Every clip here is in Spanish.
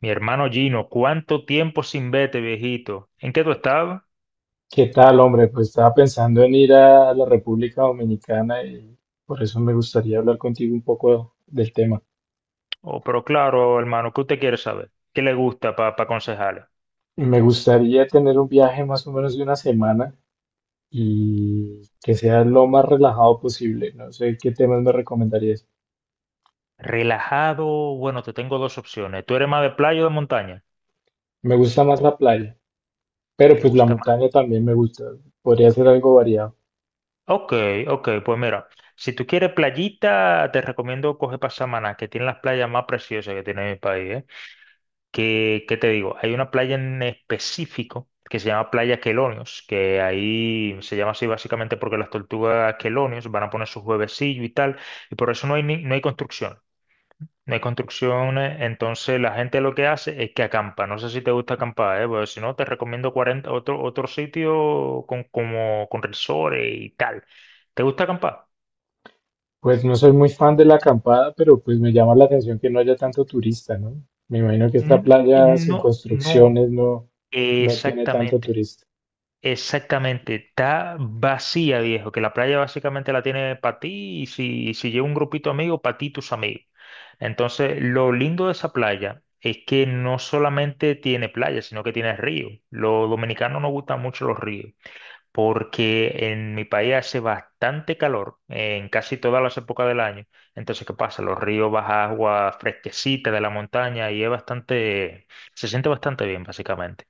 Mi hermano Gino, ¿cuánto tiempo sin verte, viejito? ¿En qué tú estabas? ¿Qué tal, hombre? Pues estaba pensando en ir a la República Dominicana y por eso me gustaría hablar contigo un poco del tema. Oh, pero claro, hermano, ¿qué usted quiere saber? ¿Qué le gusta para aconsejarle? Me gustaría tener un viaje más o menos de una semana y que sea lo más relajado posible. No sé qué temas me recomendarías. Relajado, bueno, te tengo dos opciones. ¿Tú eres más de playa o de montaña? Me gusta más la playa, pero ¿Te pues la gusta más? montaña también me gusta. Podría ser algo variado. Ok, ok, pues mira, si tú quieres playita, te recomiendo coger para Samaná, que tiene las playas más preciosas que tiene mi país, ¿eh? Que, ¿qué te digo? Hay una playa en específico que se llama Playa Quelonios, que ahí se llama así básicamente porque las tortugas Quelonios van a poner sus huevecillos y tal, y por eso no hay, no hay construcción. No hay construcciones, entonces la gente lo que hace es que acampa. No sé si te gusta acampar, ¿eh? Porque si no, te recomiendo 40 otro sitio con, como, con resorts y tal. ¿Te gusta acampar? Pues no soy muy fan de la acampada, pero pues me llama la atención que no haya tanto turista, ¿no? Me imagino que esta Mm, playa sin No, no, construcciones no tiene tanto exactamente. turista. Exactamente, está vacía, viejo, que la playa básicamente la tiene para ti y si lleva un grupito amigo, para ti y tus amigos. Entonces, lo lindo de esa playa es que no solamente tiene playa, sino que tiene río. Los dominicanos nos gustan mucho los ríos, porque en mi país hace bastante calor en casi todas las épocas del año. Entonces, ¿qué pasa? Los ríos baja agua fresquecita de la montaña y es bastante, se siente bastante bien, básicamente.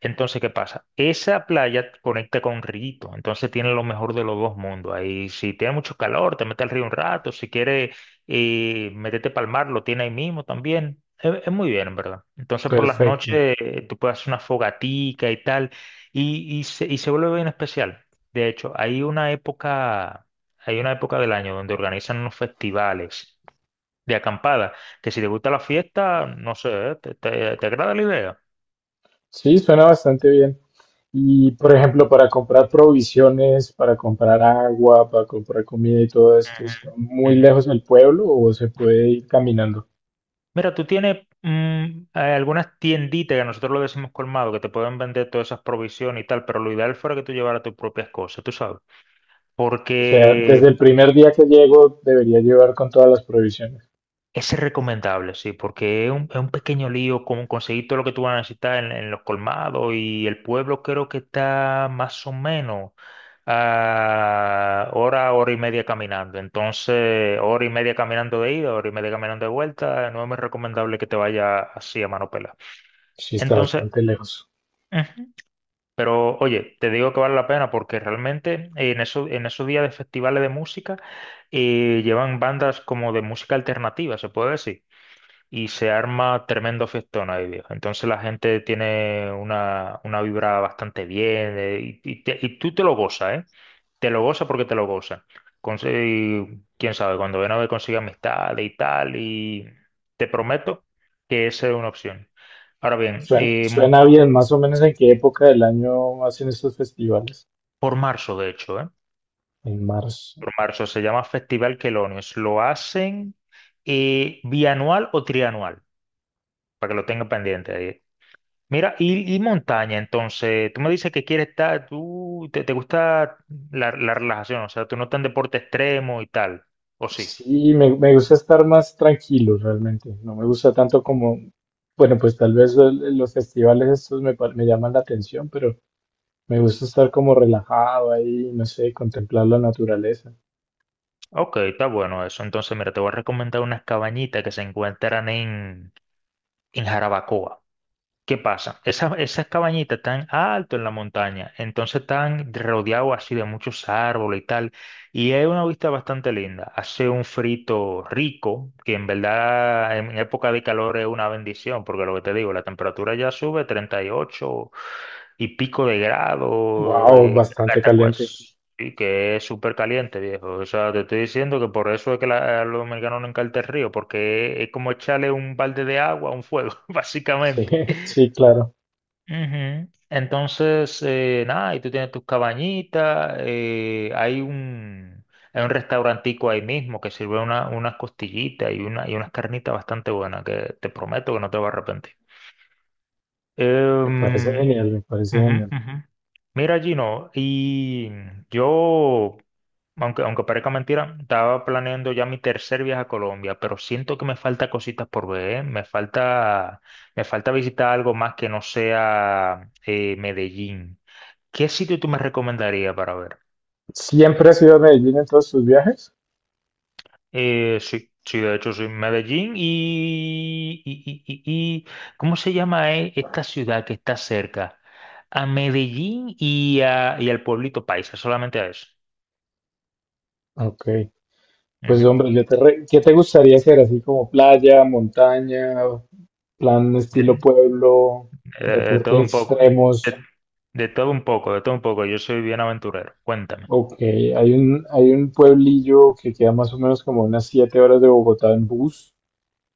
Entonces, ¿qué pasa? Esa playa conecta con Rito, entonces tiene lo mejor de los dos mundos. Ahí, si tiene mucho calor, te mete al río un rato, si quieres meterte para el mar, lo tiene ahí mismo también. Es muy bien, en verdad. Entonces, por las Perfecto. noches tú puedes hacer una fogatica y tal, y se vuelve bien especial. De hecho, hay una época del año donde organizan unos festivales de acampada, que si te gusta la fiesta, no sé, ¿eh? ¿Te agrada la idea? Sí, suena bastante bien. Y, por ejemplo, para comprar provisiones, para comprar agua, para comprar comida y todo esto, ¿está muy Ujú, lejos ujú. del pueblo o se puede ir caminando? Mira, tú tienes algunas tienditas que nosotros lo decimos colmado, que te pueden vender todas esas provisiones y tal, pero lo ideal fuera que tú llevaras tus propias cosas, tú sabes. O sea, Porque desde el primer día que llego debería llevar con todas las provisiones. es recomendable, sí, porque es un pequeño lío como conseguir todo lo que tú vas a necesitar en los colmados y el pueblo creo que está más o menos a hora, hora y media caminando. Entonces, hora y media caminando de ida, hora y media caminando de vuelta, no es muy recomendable que te vaya así a mano pelada. Sí, está Entonces... bastante lejos. ujú. Pero oye, te digo que vale la pena porque realmente en esos días de festivales de música llevan bandas como de música alternativa, se puede decir, y se arma tremendo fiestón ahí, viejo. Entonces la gente tiene una vibra bastante bien y tú te lo gozas, ¿eh? Te lo gozas porque te lo gozas. Y quién sabe, cuando ven a ver consigue amistades y tal, y te prometo que esa es una opción. Ahora bien, Suena, suena bien, ¿más o menos en qué época del año hacen estos festivales? por marzo, de hecho, ¿eh? En marzo. Por marzo, se llama Festival Quelonios. Lo hacen bianual o trianual, para que lo tenga pendiente ahí. Mira, y montaña, entonces, tú me dices que quieres estar, te gusta la relajación, o sea, tú no estás en deporte extremo y tal, ¿o sí? Sí, me gusta estar más tranquilo realmente. No me gusta tanto como, bueno, pues tal vez los festivales estos me llaman la atención, pero me gusta estar como relajado ahí, no sé, contemplar la naturaleza. Ok, está bueno eso. Entonces, mira, te voy a recomendar unas cabañitas que se encuentran en Jarabacoa. ¿Qué pasa? Esas cabañitas están alto en la montaña, entonces están rodeados así de muchos árboles y tal, y es una vista bastante linda. Hace un frito rico, que en verdad en época de calor es una bendición, porque lo que te digo, la temperatura ya sube 38 y ocho y pico de grado, Wow, bastante hasta caliente. pues, sí, que es súper caliente, viejo. O sea, te estoy diciendo que por eso es que a los dominicanos no encanta el río, porque es como echarle un balde de agua a un fuego, Sí, básicamente. sí, claro. Ujú. Entonces, nada, y tú tienes tus cabañitas, hay un restaurantico ahí mismo que sirve unas costillitas y unas carnitas bastante buenas que te prometo que no te vas a arrepentir. Me parece Em, genial, me parece Ujú, genial. ujú. Mira, Gino, y yo, aunque parezca mentira, estaba planeando ya mi tercer viaje a Colombia, pero siento que me falta cositas por ver, ¿eh? Me falta visitar algo más que no sea Medellín. ¿Qué sitio tú me recomendarías para ver? ¿Siempre has ido a Medellín en todos tus viajes? Sí, sí, de hecho, sí, Medellín y- ¿cómo se llama, esta ciudad que está cerca? A Medellín y al pueblito Paisa, solamente a eso. Ok. Pues Ujú. hombre, ¿qué te gustaría hacer? Así como playa, montaña, plan estilo De, pueblo, de todo deportes un poco, de, extremos. de todo un poco, de todo un poco. Yo soy bien aventurero. Cuéntame. Ok, hay un pueblillo que queda más o menos como unas 7 horas de Bogotá en bus,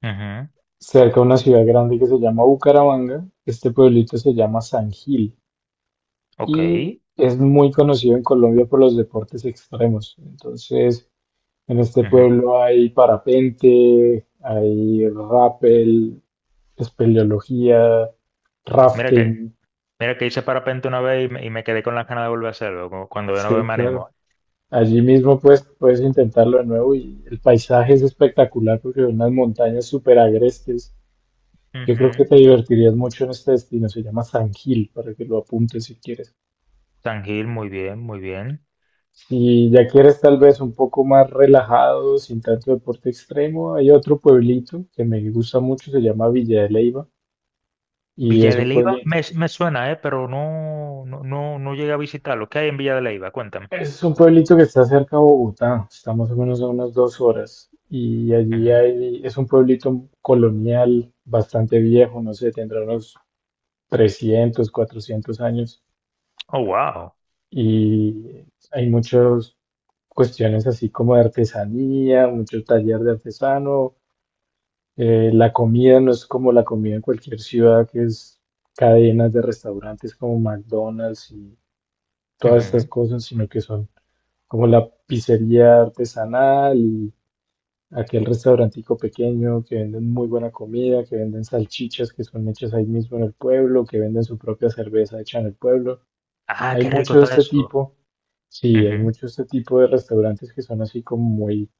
Ujú. cerca de una ciudad grande que se llama Bucaramanga. Este pueblito se llama San Gil Ok. y es muy conocido en Colombia por los deportes extremos. Entonces, en este Ujú. pueblo hay parapente, hay rappel, espeleología, Mira que, rafting. mira que hice parapente una vez y me quedé con las ganas de volver a hacerlo, como cuando yo no veo Sí, me animo. claro. Allí mismo pues puedes intentarlo de nuevo y el paisaje es espectacular porque son unas montañas súper agrestes. Yo creo que Ujú. te divertirías mucho en este destino. Se llama San Gil para que lo apuntes si quieres. San Gil, muy bien, muy bien. Si ya quieres tal vez un poco más relajado, sin tanto deporte extremo, hay otro pueblito que me gusta mucho, se llama Villa de Leyva y Villa es de un Leiva pueblito. me suena, pero no llegué a visitarlo. ¿Qué hay en Villa de Leiva? Cuéntame. Es un pueblito que está cerca de Bogotá, está más o menos a unas 2 horas. Y allí Ujú. hay, es un pueblito colonial bastante viejo, no sé, tendrá unos 300, 400 años. Oh, wow. Y hay muchas cuestiones así como de artesanía, mucho taller de artesano. La comida no es como la comida en cualquier ciudad, que es cadenas de restaurantes como McDonald's y todas estas Ujú. cosas, sino que son como la pizzería artesanal y aquel restaurantico pequeño que venden muy buena comida, que venden salchichas que son hechas ahí mismo en el pueblo, que venden su propia cerveza hecha en el pueblo. Ah, Hay qué rico mucho de está este eso. tipo, sí, hay Ujú. mucho de este tipo de restaurantes que son así como muy,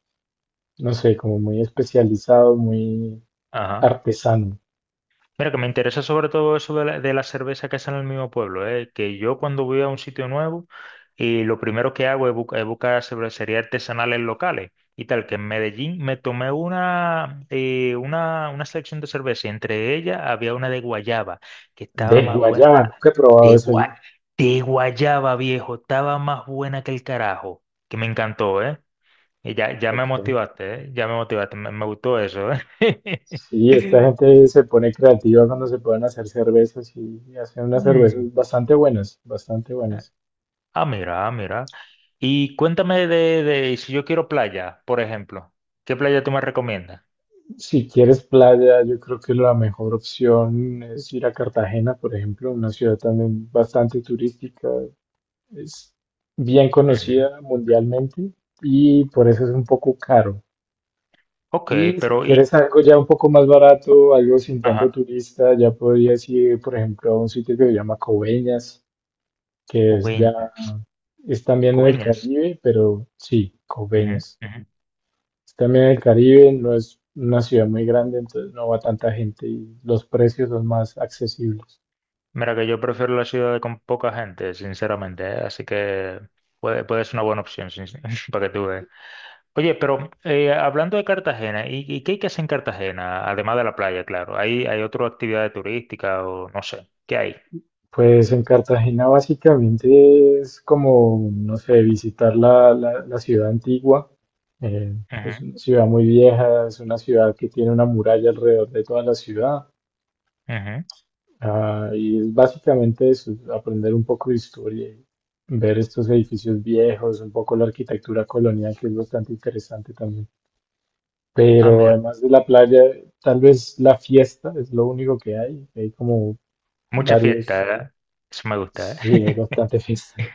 no sé, como muy especializados, muy Ajá. artesano. Mira, que me interesa sobre todo eso de la cerveza que hacen en el mismo pueblo, ¿eh? Que yo cuando voy a un sitio nuevo y lo primero que hago es, es buscar cervecerías artesanales locales y tal, que en Medellín me tomé una selección de cerveza y entre ellas había una de guayaba, que estaba De más buena, guayaba, nunca he probado de, eso yo. gua- de guayaba, viejo, estaba más buena que el carajo, que me encantó, ¿eh? Y ya, ya me Ok. motivaste, ¿eh? Ya me motivaste, me gustó eso, ¿eh? Sí, esta gente se pone creativa cuando se pueden hacer cervezas y hacen unas Mm. cervezas bastante buenas, bastante buenas. Ah, mira, ah, mira. Y cuéntame de si yo quiero playa, por ejemplo. ¿Qué playa tú me recomiendas? Si quieres playa, yo creo que la mejor opción es ir a Cartagena, por ejemplo, una ciudad también bastante turística, es bien Ujú. conocida mundialmente y por eso es un poco caro. Ok, Y si pero y, quieres algo ya un poco más barato, algo sin tanto ajá, turista, ya podrías ir, por ejemplo, a un sitio que se llama Coveñas, que es ya, Coveñas. es también en el Coveñas. Caribe, pero sí, Ujú, Coveñas. ujú. También el Caribe no es una ciudad muy grande, entonces no va tanta gente y los precios son más accesibles. Mira que yo prefiero la ciudad con poca gente, sinceramente, ¿eh? Así que puede ser una buena opción, para que tú veas. Oye, pero hablando de Cartagena, ¿y qué hay que hacer en Cartagena? Además de la playa, claro. ¿Hay otra actividad turística o no sé? ¿Qué hay? Pues en Cartagena básicamente es como, no sé, visitar la ciudad antigua. Eh, es Ujú, una ciudad muy vieja, es una ciudad que tiene una muralla alrededor de toda la ciudad. ujú. Ah, y es básicamente eso, aprender un poco de historia y ver estos edificios viejos, un poco la arquitectura colonial, que es bastante interesante también. Ah, Pero mira, además de la playa, tal vez la fiesta es lo único que hay. Hay como mucha fiesta, varios, ¿eh? Eso me gusta, ¿eh? sí, hay bastante fiesta.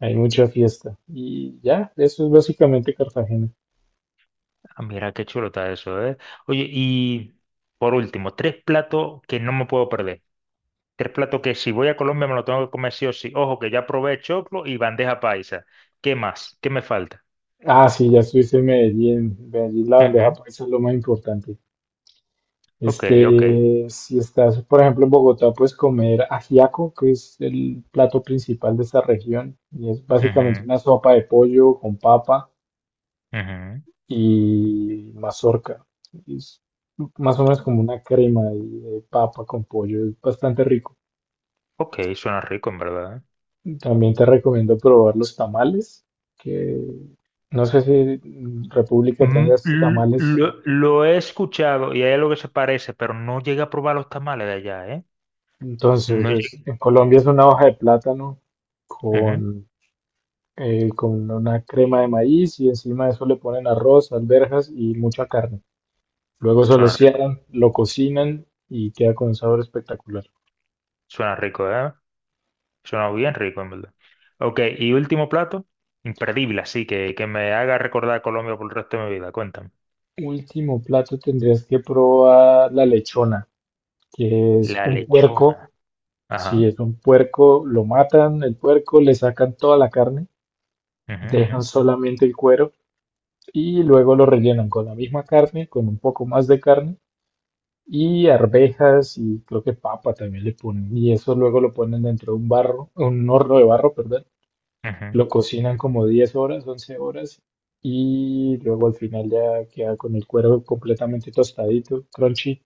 Hay mucha fiesta. Y ya, eso es básicamente Cartagena. Ah, mira qué chulo está eso, ¿eh? Oye, y por último, tres platos que no me puedo perder. Tres platos que si voy a Colombia me lo tengo que comer sí o sí. Ojo, que ya probé choclo y bandeja paisa. ¿Qué más? ¿Qué me falta? Ah, sí, ya estuviste en Medellín. Medellín, la bandeja Ujú, paisa es lo más importante. ok, ok. Este, si estás, por ejemplo, en Bogotá, puedes comer ajiaco, que es el plato principal de esta región. Y es básicamente Ujú, una sopa de pollo con papa ujú. y mazorca. Es más o menos como una crema ahí de papa con pollo, es bastante rico. Ok, suena rico, en verdad, ¿eh? También te recomiendo probar los tamales, que no sé si en República Mm, tengas l- tamales. Lo, lo he escuchado y hay algo que se parece, pero no llegué a probar los tamales de allá, ¿eh? Entonces, No llegué. en Colombia es una hoja de plátano Ujú. con, con una crema de maíz y encima de eso le ponen arroz, alberjas y mucha carne. Luego se lo Suena rico, cierran, lo cocinan y queda con un sabor espectacular. suena rico, ¿eh? Suena bien rico, en verdad. Ok, y último plato, imperdible, así que me haga recordar a Colombia por el resto de mi vida. Cuéntame. Último plato tendrías que probar la lechona, que es La un puerco. lechona. Si Ajá. es un puerco, lo matan, el puerco, le sacan toda la carne, Ujú, dejan ujú, solamente el cuero y luego lo rellenan con la misma carne, con un poco más de carne y arvejas y creo que papa también le ponen. Y eso luego lo ponen dentro de un barro, un horno de barro, perdón. ujú, Lo cocinan como 10 horas, 11 horas y luego al final ya queda con el cuero completamente tostadito, crunchy.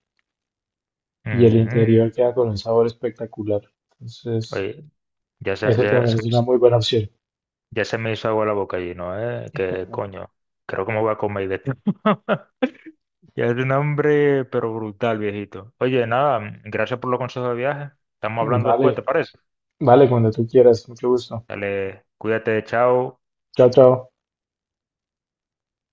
Y el ujú. interior queda con un sabor espectacular. Entonces, Oye, ya se, eso ya también se me, es una hizo- muy buena opción. ya se me hizo agua la boca allí, ¿no? ¿Eh? Que coño, creo que me voy a comer de esto. Ya es un hambre, pero brutal, viejito. Oye, nada, gracias por los consejos de viaje. Estamos hablando después, Vale, ¿te parece? vale, cuando tú quieras. Mucho gusto. Dale, cuídate, chao. Chao, chao.